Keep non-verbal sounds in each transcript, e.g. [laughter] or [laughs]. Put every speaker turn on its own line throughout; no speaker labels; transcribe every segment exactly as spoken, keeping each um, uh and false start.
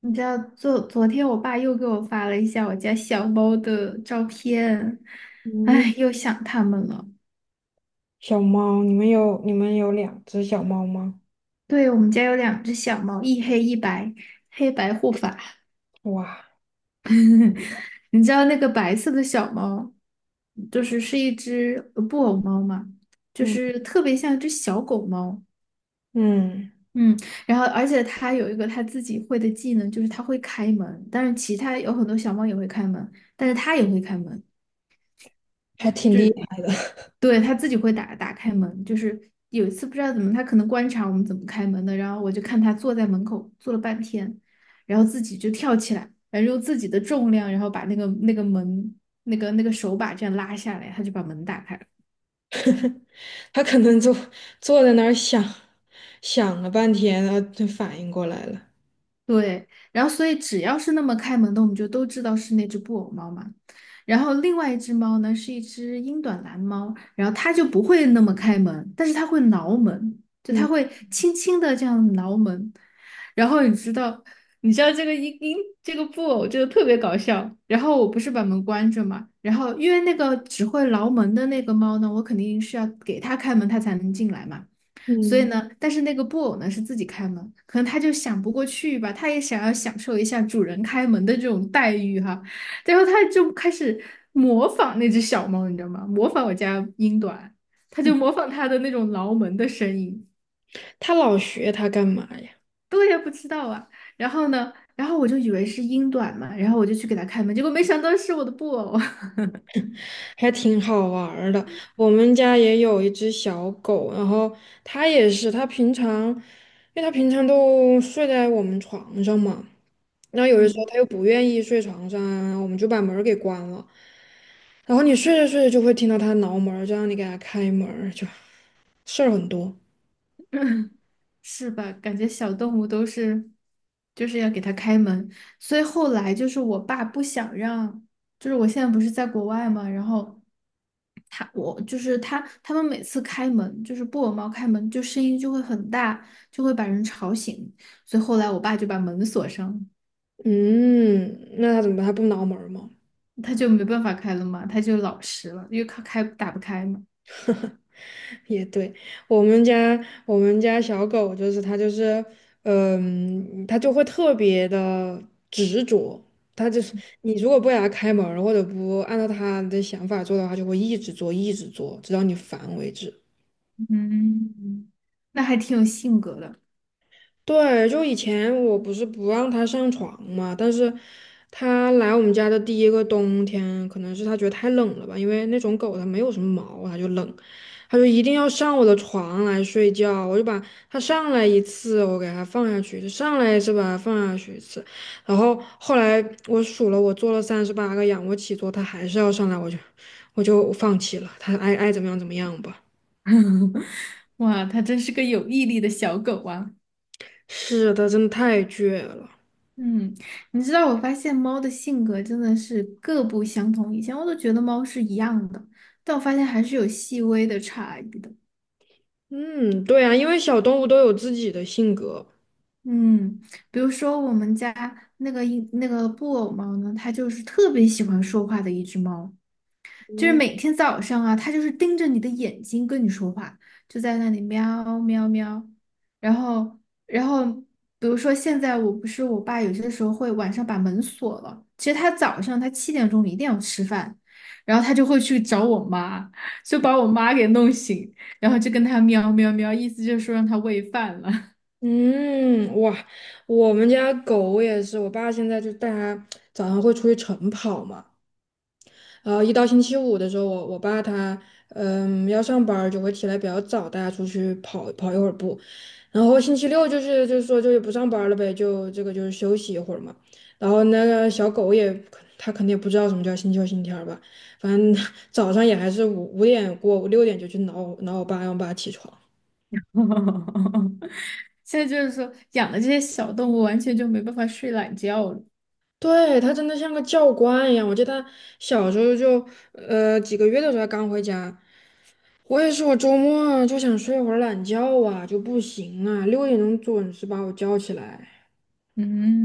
你知道，昨昨天我爸又给我发了一下我家小猫的照片，
嗯，
哎，又想它们了。
小猫，你们有你们有两只小猫吗？
对，我们家有两只小猫，一黑一白，黑白护法。
哇，
[laughs] 你知道那个白色的小猫，就是是一只呃布偶猫嘛，就
嗯，
是特别像一只小狗猫。
嗯，
嗯，然后而且它有一个它自己会的技能，就是它会开门。但是其他有很多小猫也会开门，但是它也会开门。
还挺厉害的。
对，他自己会打打开门。就是有一次不知道怎么，他可能观察我们怎么开门的，然后我就看他坐在门口坐了半天，然后自己就跳起来，然后用自己的重量，然后把那个那个门那个那个手把这样拉下来，他就把门打开了。
[laughs] 它可能坐坐在那儿想想了半天，然后就反应过来了。
对，然后所以只要是那么开门的，我们就都知道是那只布偶猫嘛。然后另外一只猫呢，是一只英短蓝猫，然后它就不会那么开门，但是它会挠门，就它
嗯
会轻轻的这样挠门。然后你知道，你知道这个英英这个布偶就特别搞笑。然后我不是把门关着嘛，然后因为那个只会挠门的那个猫呢，我肯定是要给它开门，它才能进来嘛。所以
嗯
呢，但是那个布偶呢是自己开门，可能它就想不过去吧，它也想要享受一下主人开门的这种待遇哈，然后它就开始模仿那只小猫，你知道吗？模仿我家英短，它就
嗯，
模仿它的那种挠门的声音。
它老学它干嘛呀？
对呀，不知道啊。然后呢，然后我就以为是英短嘛，然后我就去给它开门，结果没想到是我的布偶。
还挺好玩儿的。我们家也有一只小狗，然后它也是，它平常，因为它平常都睡在我们床上嘛。然后
[laughs]
有的时候
嗯。
他又不愿意睡床上啊，我们就把门儿给关了。然后你睡着睡着就会听到他挠门儿就让你给他开门儿就事儿很多。
[laughs] 是吧？感觉小动物都是，就是要给它开门。所以后来就是我爸不想让，就是我现在不是在国外嘛，然后他我就是他他们每次开门，就是布偶猫开门，就声音就会很大，就会把人吵醒。所以后来我爸就把门锁上了，
嗯，那他怎么办？他不挠门儿吗？
他就没办法开了嘛，他就老实了，因为他开打不开嘛。
[laughs] 也对，我们家我们家小狗就是它就是，嗯，它就会特别的执着，它就是你如果不给它开门儿或者不按照它的想法做的话，就会一直做一直做，直到你烦为止。
嗯，那还挺有性格的。
对，就以前我不是不让他上床嘛，但是他来我们家的第一个冬天，可能是他觉得太冷了吧，因为那种狗它没有什么毛，它就冷，它就一定要上我的床来睡觉，我就把它上来一次，我给它放下去，就上来一次把它放下去一次，然后后来我数了，我做了三十八个仰卧起坐，它还是要上来，我就我就放弃了，它爱爱怎么样怎么样吧。
[laughs] 哇，它真是个有毅力的小狗啊。
是的，真的太倔了。
嗯，你知道我发现猫的性格真的是各不相同。以前我都觉得猫是一样的，但我发现还是有细微的差异的。
嗯，对啊，因为小动物都有自己的性格。
嗯，比如说我们家那个英那个布偶猫呢，它就是特别喜欢说话的一只猫，就是
嗯，
每天早上啊，它就是盯着你的眼睛跟你说话，就在那里喵喵喵。然后，然后，比如说现在我不是我爸有些时候会晚上把门锁了，其实他早上他七点钟一定要吃饭，然后他就会去找我妈，就把我妈给弄醒，然后就跟他喵喵喵，意思就是说让他喂饭了。
嗯，哇，我们家狗也是，我爸现在就带它早上会出去晨跑嘛，然后一到星期五的时候，我我爸他嗯要上班儿就会起来比较早，带它出去跑跑一会儿步，然后星期六就是就是说就也不上班儿了呗，就这个就是休息一会儿嘛，然后那个小狗也它肯定也不知道什么叫星期六星期天儿吧，反正 [laughs] 早上也还是五五点过五六点就去挠挠我爸，让我爸起床。
[laughs] 现在就是说养的这些小动物完全就没办法睡懒觉了。
对，他真的像个教官一样。我记得他小时候就，呃，几个月的时候他刚回家，我也是，我周末就想睡会儿懒觉啊，就不行啊，六点钟准时把我叫起来。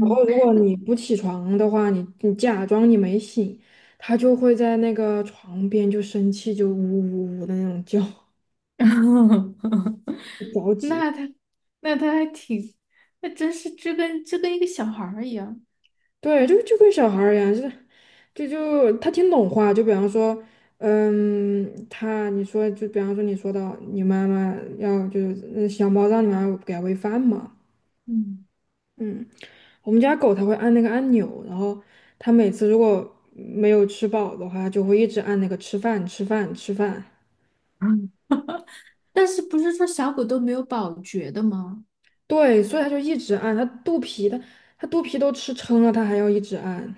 然后如果你不起床的话，你你假装你没醒，他就会在那个床边就生气，就呜呜呜的那种叫，[laughs]
[laughs]
着急。
那它，那它还挺，那真是就跟就跟一个小孩儿一样。
对，就就跟小孩儿一样，就是，就就他听懂话，就比方说，嗯，他你说就比方说你说到你妈妈要就是嗯小猫让你妈妈给它喂饭嘛，
嗯。
嗯，我们家狗它会按那个按钮，然后它每次如果没有吃饱的话，它就会一直按那个吃饭吃饭吃饭，
[clears throat] 嗯，但是不是说小狗都没有保觉的吗？
对，所以它就一直按，它肚皮它它肚皮都吃撑了，它还要一直按。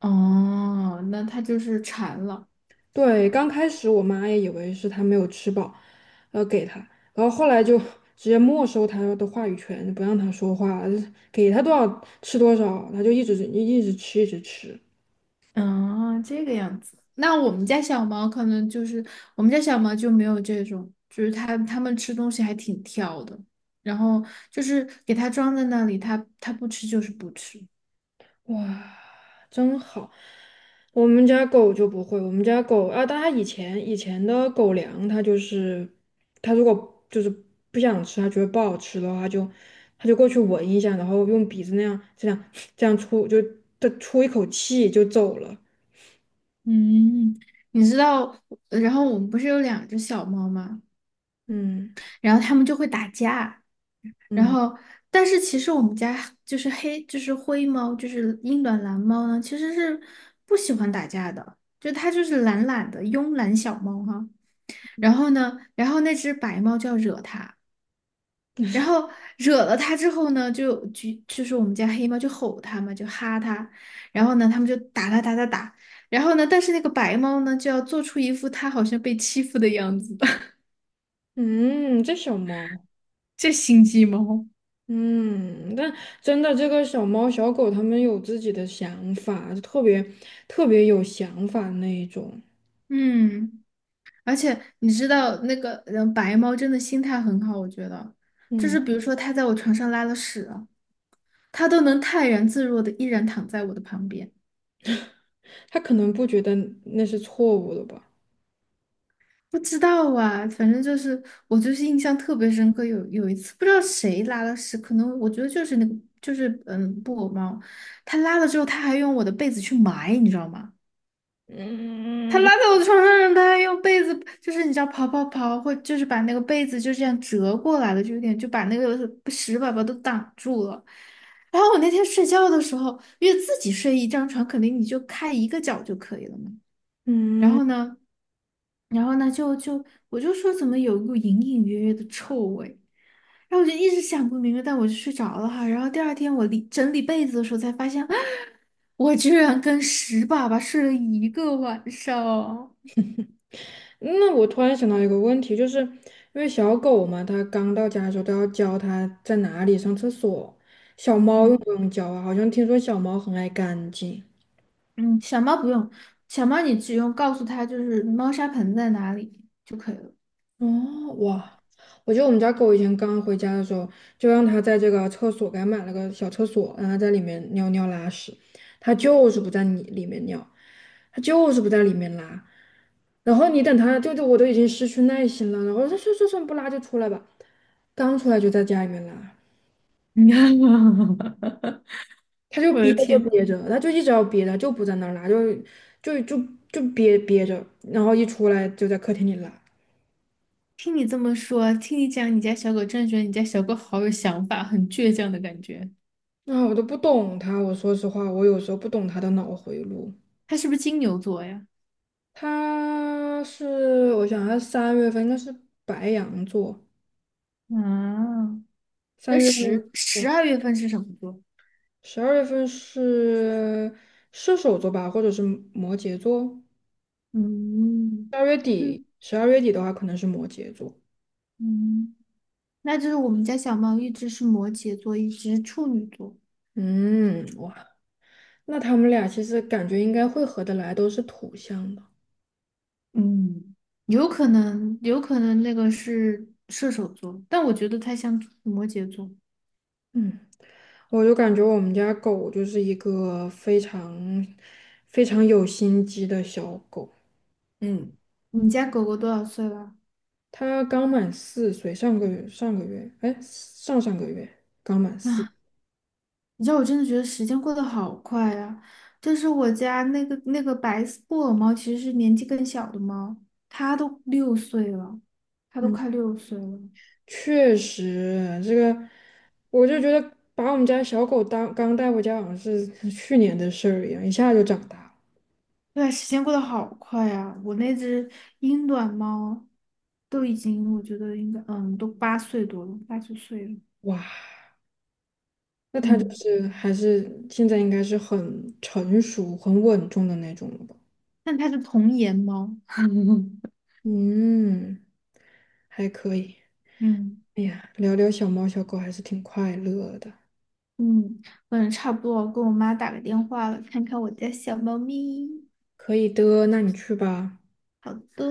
哦，那它就是馋了。
对，刚开始我妈也以为是他没有吃饱，然后给他，然后后来就 [laughs] 直接没收他的话语权，不让他说话，给他多少吃多少，他就一直一直吃，一直吃。
嗯，这个样子。那我们家小猫可能就是我们家小猫就没有这种，就是它它们吃东西还挺挑的，然后就是给它装在那里，它它不吃就是不吃。
哇，真好！我们家狗就不会，我们家狗啊，但它以前以前的狗粮，它就是它如果就是不想吃，它觉得不好吃的话，它就它就过去闻一下，然后用鼻子那样这样这样出就它出一口气就走了。
嗯，你知道，然后我们不是有两只小猫吗？
嗯
然后他们就会打架，然
嗯
后但是其实我们家就是黑就是灰猫，就是英短蓝猫呢，其实是不喜欢打架的，就它就是懒懒的慵懒小猫哈。然后呢，然后那只白猫就要惹它，然后惹了它之后呢，就就就是我们家黑猫就吼它嘛，就哈它，然后呢，他们就打它打打打。然后呢，但是那个白猫呢，就要做出一副它好像被欺负的样子。[laughs]
嗯，这小猫，
这心机猫。
嗯，但真的这个小猫小狗，它们有自己的想法，特别特别有想法那一种。
嗯。而且你知道那个嗯，白猫真的心态很好，我觉得，就是
嗯，
比如说它在我床上拉了屎啊它都能泰然自若的依然躺在我的旁边。
它可能不觉得那是错误的吧。
不知道啊，反正就是我就是印象特别深刻，有有一次不知道谁拉了屎，可能我觉得就是那个就是嗯布偶猫，它拉了之后，它还用我的被子去埋，你知道吗？他
嗯
拉在我的床上，让他还用被子，就是你知道刨刨刨，或就是把那个被子就这样折过来了，就有点就把那个屎粑粑都挡住了。然后我那天睡觉的时候，因为自己睡一张床，肯定你就开一个角就可以了嘛。然
嗯，
后呢，然后呢，就就我就说怎么有一股隐隐约约的臭味，然后我就一直想不明白，但我就睡着了哈。然后第二天我理整理被子的时候才发现，[gasps] 我居然跟屎粑粑睡了一个晚上哦。
那我突然想到一个问题，就是因为小狗嘛，它刚到家的时候都要教它在哪里上厕所，小猫用
嗯。
不用教啊？好像听说小猫很爱干净。
嗯，小猫不用，小猫你只用告诉它就是猫砂盆在哪里就可以了。
哦，哇！我记得我们家狗以前刚回家的时候，就让它在这个厕所给它买了个小厕所，让它在里面尿尿拉屎，它就是不在你里面尿，它就是不在里面拉。然后你等它，就就我都已经失去耐心了，然后它说算算不拉就出来吧，刚出来就在家里面拉，
[laughs]
它就
我
憋
的
着
天，
憋着，它就一直要憋着，就不在那儿拉，就就就就憋憋着，然后一出来就在客厅里拉。
听你这么说，听你讲你家小狗，真的觉得你家小狗好有想法，很倔强的感觉。
啊，我都不懂它，我说实话，我有时候不懂它的脑回路。
它是不是金牛座呀？
他是，我想他三月份应该是白羊座，
啊，
三
那
月份
十十
是，
二月份是什么座？
十二月份是射手座吧，或者是摩羯座。
嗯
十二月底，
嗯
十二月底的话可能是摩羯座。
嗯，那就是我们家小猫一只是摩羯座，一只是处女座。
嗯，哇，那他们俩其实感觉应该会合得来，都是土象的。
嗯，有可能，有可能那个是射手座，但我觉得它像摩羯座。
嗯，我就感觉我们家狗就是一个非常非常有心机的小狗。
嗯，你家狗狗多少岁了？
他刚满四岁，上个月上个月，哎，上上个月刚满
[laughs]
四。
啊，你知道我真的觉得时间过得好快啊！就是我家那个那个白色布偶猫，其实是年纪更小的猫，它都六岁了，它都
嗯，
快六岁了。
确实，这个我就觉得把我们家小狗当刚带回家，好像是去年的事儿一样，一下就长大了。
对啊，时间过得好快啊！我那只英短猫都已经，我觉得应该，嗯，都八岁多了，八九岁了。
哇，那它就
嗯。
是还是现在应该是很成熟、很稳重的那种了吧？
但它是童颜猫。[laughs]
嗯，还可以。
嗯
哎呀，聊聊小猫小狗还是挺快乐的。
嗯，我也差不多，我跟我妈打个电话了，看看我家小猫咪。
可以的，那你去吧。
好的。